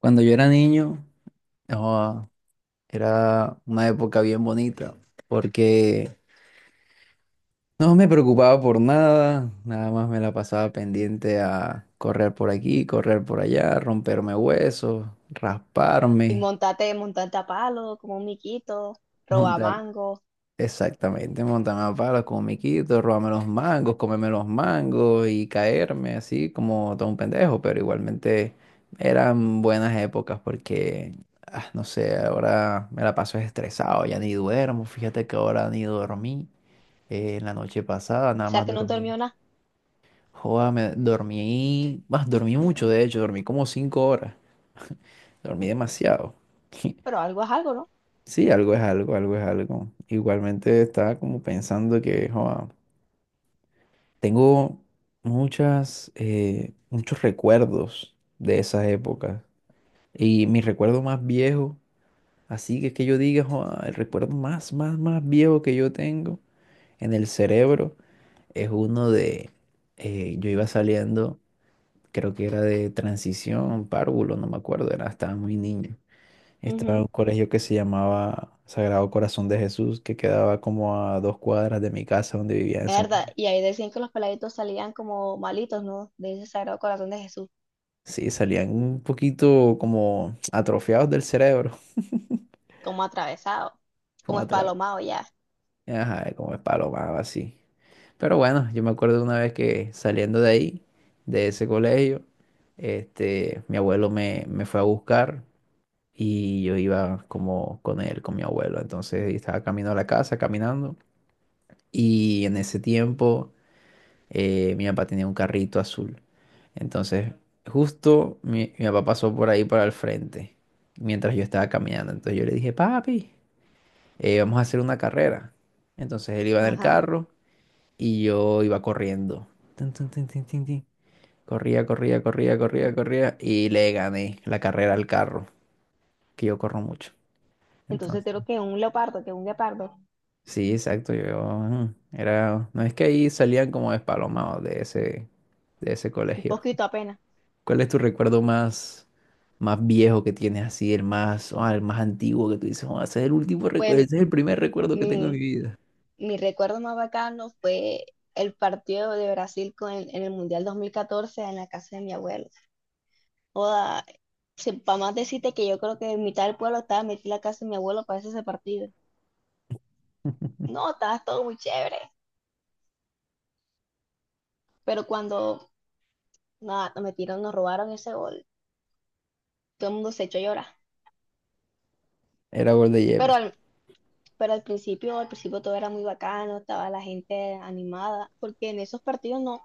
Cuando yo era niño, ah, era una época bien bonita, porque no me preocupaba por nada, nada más me la pasaba pendiente a correr por aquí, correr por allá, romperme huesos, Y rasparme, montate, montate a palo, como un miquito, roba montar mango. O exactamente, montarme a palo con miquito, robarme los mangos, comerme los mangos y caerme así como todo un pendejo, pero igualmente eran buenas épocas porque, no sé, ahora me la paso estresado, ya ni duermo, fíjate que ahora ni dormí, en la noche pasada nada sea más que no dormí, dormió nada, joda, me dormí, más dormí mucho de hecho, dormí como cinco horas, dormí demasiado. pero algo es algo, ¿no? Sí, algo es algo, algo es algo. Igualmente estaba como pensando que, joda, tengo muchas, muchos recuerdos de esas épocas. Y mi recuerdo más viejo, así que es que yo diga, "Joa, el recuerdo más viejo que yo tengo en el cerebro es uno de, yo iba saliendo, creo que era de transición, párvulo, no me acuerdo, era, estaba muy niño. Estaba en Ujú. un colegio que se llamaba Sagrado Corazón de Jesús, que quedaba como a dos cuadras de mi casa donde vivía en Es ese verdad. Y ahí decían que los peladitos salían como malitos, ¿no? De ese sagrado corazón de Jesús, sí, salían un poquito como atrofiados del cerebro, como atravesado, como como atra- espalomado ya. ajá, como espalomados así. Pero bueno, yo me acuerdo de una vez que saliendo de ahí, de ese colegio, este, mi abuelo me fue a buscar y yo iba como con él, con mi abuelo. Entonces estaba camino a la casa, caminando. Y en ese tiempo mi papá tenía un carrito azul. Entonces, justo mi papá pasó por ahí para el frente mientras yo estaba caminando. Entonces yo le dije, papi, vamos a hacer una carrera. Entonces él iba en el Ajá. carro y yo iba corriendo. Tun, tun, tun, tun, tun, tun. Corría, corría, corría, corría, corría y le gané la carrera al carro, que yo corro mucho. Entonces Entonces, creo que un leopardo, que un guepardo, sí, exacto, yo era, no es que ahí salían como despalomados de ese un colegio. poquito apenas. ¿Cuál es tu recuerdo más, más viejo que tienes así, el más, el más antiguo que tú dices, "Oh, ese es el último recuerdo, Pues ese es el primer recuerdo que tengo en mi mi, vida? mi recuerdo más bacano fue el partido de Brasil con en el Mundial 2014 en la casa de mi abuelo. Joda, para más decirte que yo creo que en mitad del pueblo estaba metida la casa de mi abuelo para ese partido. No, estaba todo muy chévere. Pero cuando nada, nos metieron, nos robaron ese gol, todo el mundo se echó a llorar. Era gol de Pero Yepes. al, pero al principio todo era muy bacano, estaba la gente animada, porque en esos partidos no,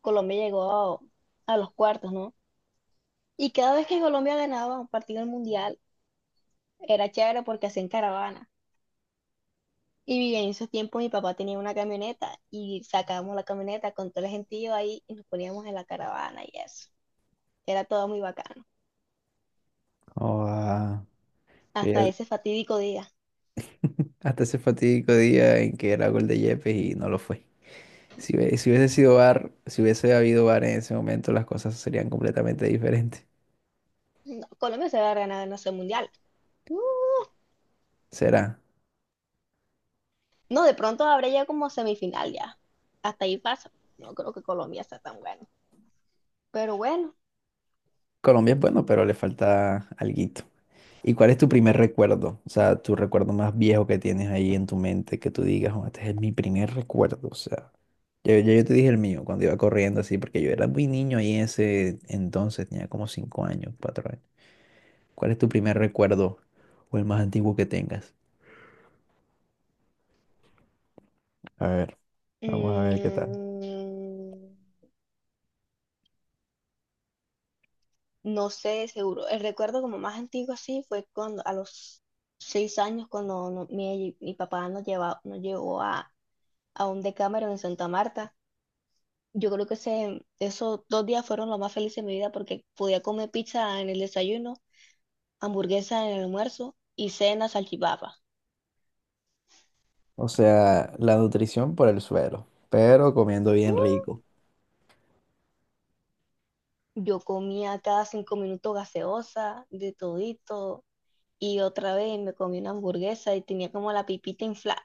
Colombia llegó a los cuartos, ¿no? Y cada vez que Colombia ganaba un partido del mundial, era chévere porque hacían caravana. Y bien, en esos tiempos mi papá tenía una camioneta y sacábamos la camioneta con todo el gentío ahí y nos poníamos en la caravana y eso. Era todo muy bacano. Oh, ah, Hasta fíjate, ese fatídico día. hasta ese fatídico día en que era gol de Yepes y no lo fue. Si, si hubiese sido VAR, si hubiese habido VAR en ese momento, las cosas serían completamente diferentes. No, Colombia se va a ganar, no sé, mundial. Uh, Será. no, de pronto habrá ya como semifinal ya. Hasta ahí pasa. No creo que Colombia sea tan bueno. Pero bueno, Colombia es bueno, pero le falta alguito. ¿Y cuál es tu primer recuerdo? O sea, tu recuerdo más viejo que tienes ahí en tu mente, que tú digas, "Oh, este es mi primer recuerdo. O sea, yo te dije el mío cuando iba corriendo así, porque yo era muy niño ahí en ese entonces, tenía como cinco años, cuatro años. ¿Cuál es tu primer recuerdo o el más antiguo que tengas? A ver, vamos a ver qué tal. mm, no sé, seguro. El recuerdo como más antiguo así fue cuando a los 6 años cuando mi papá nos lleva, nos llevó a un Decameron en Santa Marta. Yo creo que esos 2 días fueron los más felices de mi vida porque podía comer pizza en el desayuno, hamburguesa en el almuerzo y cena salchipapa. O sea, la nutrición por el suelo, pero comiendo bien rico. Yo comía cada 5 minutos gaseosa, de todito, y otra vez me comí una hamburguesa y tenía como la pipita inflada,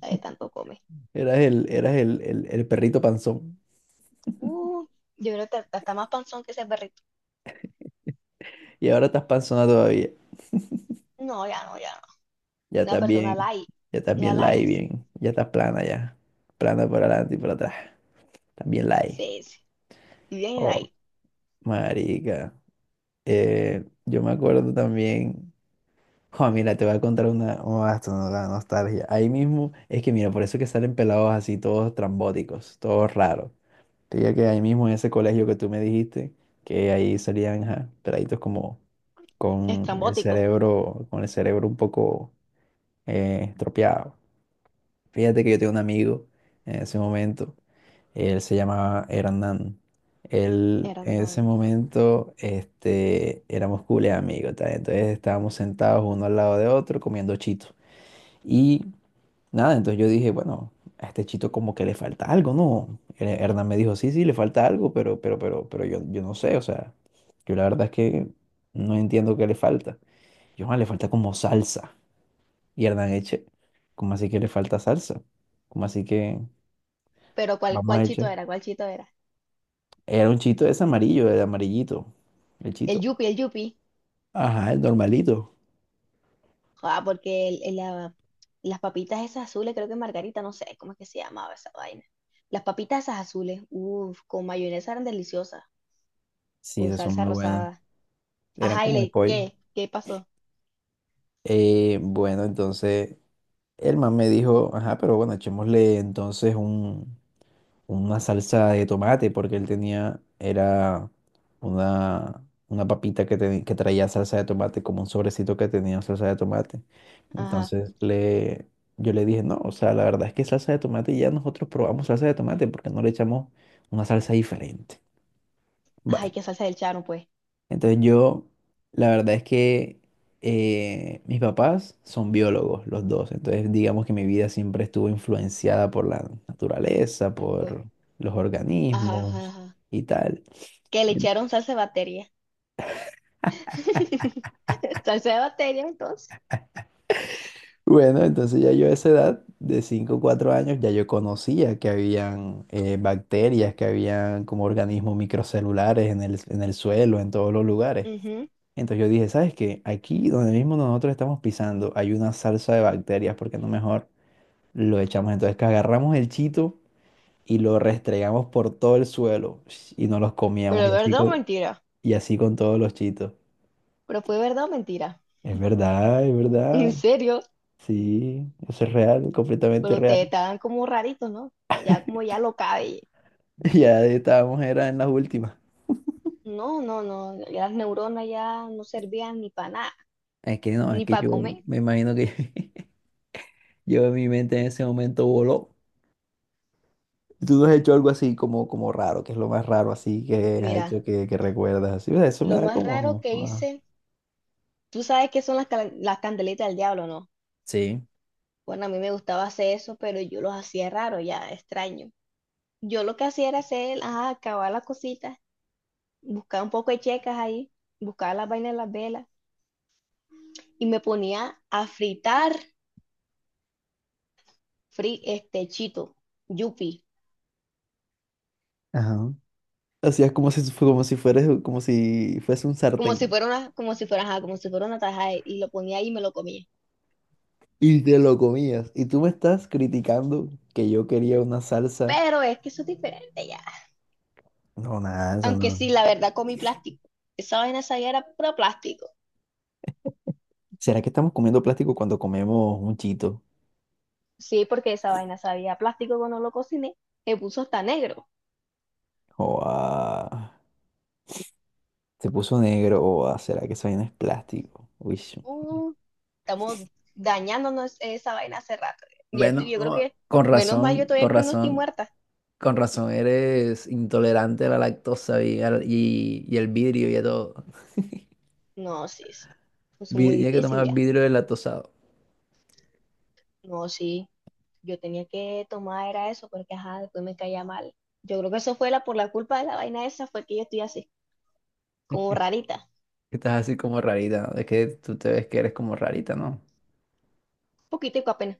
la de tanto comer. Eras el perrito panzón Uh, yo creo que está más panzón que ese perrito. y ahora estás panzona. No, ya no, ya no. Ya Una estás persona bien, light, ya estás una bien light, light, bien, ya estás plana ya, plana por adelante y por atrás, estás bien light. sí, sí. Y bien Oh, light, marica, yo me acuerdo también, oh, mira, te voy a contar una, oh, esto no da nostalgia, ahí mismo, es que mira, por eso que salen pelados así, todos trambóticos, todos raros. Te digo que ahí mismo en ese colegio que tú me dijiste, que ahí salían, ajá, peladitos como estrambótico. Con el cerebro un poco estropeado. Fíjate que yo tengo un amigo en ese momento, él se llamaba Hernán. Él Era en una, ese momento este, éramos cool amigos, tal. Entonces estábamos sentados uno al lado de otro comiendo chito. Y nada, entonces yo dije, bueno, a este chito como que le falta algo, ¿no? Hernán me dijo, sí, sí, le falta algo, pero yo no sé, o sea, yo la verdad es que no entiendo qué le falta. Yo, "Ah, le falta como salsa. Y Hernán eche, ¿cómo así que le falta salsa? ¿Cómo así que? Pero ¿cuál, Vamos cuál a chito echar. era? ¿Cuál chito era? Era un chito ese amarillo, el amarillito. El El chito. Yupi, el Yupi. Ajá, el normalito. Ah, porque las papitas esas azules, creo que Margarita, no sé cómo es que se llamaba esa vaina. Las papitas esas azules, uff, con mayonesa eran deliciosas. Sí, Con esas son salsa muy buenas. rosada. Eran Ajá, y como de le, pollo. ¿qué? ¿Qué pasó? Bueno, entonces el man me dijo, ajá, pero bueno, echémosle entonces un, una salsa de tomate, porque él tenía, era una papita que, que traía salsa de tomate, como un sobrecito que tenía salsa de tomate. Ajá. Entonces le, yo le dije, no, o sea, la verdad es que salsa de tomate ya nosotros probamos salsa de tomate, porque no le echamos una salsa diferente. Ay, Bueno, qué salsa del charo, pues. entonces yo, la verdad es que mis papás son biólogos, los dos. Entonces digamos que mi vida siempre estuvo influenciada por la naturaleza, por los Ajá, ajá, organismos ajá. y tal. Que le echaron salsa de batería. Salsa de batería, entonces. Bueno, entonces ya yo a esa edad de cinco o cuatro años ya yo conocía que habían bacterias, que habían como organismos microcelulares en el suelo, en todos los lugares. Ujú. Entonces yo dije, ¿sabes qué? Aquí donde mismo nosotros estamos pisando hay una salsa de bacterias, porque no mejor lo echamos, entonces que agarramos el chito y lo restregamos por todo el suelo sh, y nos los comíamos Pero verdad o mentira. y así con todos los chitos. Pero fue verdad o mentira. Es verdad, es verdad. ¿En serio? Sí, eso es real, completamente Pero real. ustedes estaban como raritos, ¿no? Ya como ya lo cabe. Ya estábamos, era en las últimas. No, no, no, las neuronas ya no servían ni para nada, Es que no, es ni que para yo comer. me imagino que yo en mi mente en ese momento voló. Tú no has hecho algo así como, como raro, que es lo más raro así que has Mira, hecho que recuerdas así. O sea, eso me lo da más raro como... que ah, hice, tú sabes que son las, las candelitas del diablo, ¿no? sí. Bueno, a mí me gustaba hacer eso, pero yo los hacía raro, ya extraño. Yo lo que hacía era hacer, ajá, acabar las cositas, buscar un poco de checas ahí, buscar las vainas de las velas y me ponía a fritar, chito, yupi. Ajá. Hacías como si, como si fueras, como si fuese un Como si sartén fuera una, como si fuera, ajá, como si fuera una tajada y lo ponía ahí y me lo comía. y te lo comías. Y tú me estás criticando que yo quería una salsa. Pero es que eso es diferente ya. No, nada, eso Aunque no. sí, la verdad comí plástico. Esa vaina sabía era puro plástico. ¿Será que estamos comiendo plástico cuando comemos un chito? Sí, porque esa vaina sabía a plástico cuando lo cociné. Me puso hasta negro. O ah, se puso negro. O ah, ¿será que eso vaina es plástico? Uy, Uh, estamos dañándonos esa vaina hace rato. Y esto- bueno, yo creo oh, que, con menos mal yo razón, todavía con estoy, no estoy razón, muerta. con razón eres intolerante a la lactosa y el vidrio y a todo. No, sí, sí. Eso es muy Tienes que difícil tomar ya. vidrio deslactosado. No, sí. Yo tenía que tomar era eso porque ajá, después me caía mal. Yo creo que eso fue la culpa de la vaina esa fue que yo estoy así, como rarita, Que estás así como rarita, ¿no? Es que tú te ves que eres como rarita, ¿no? poquitico apenas.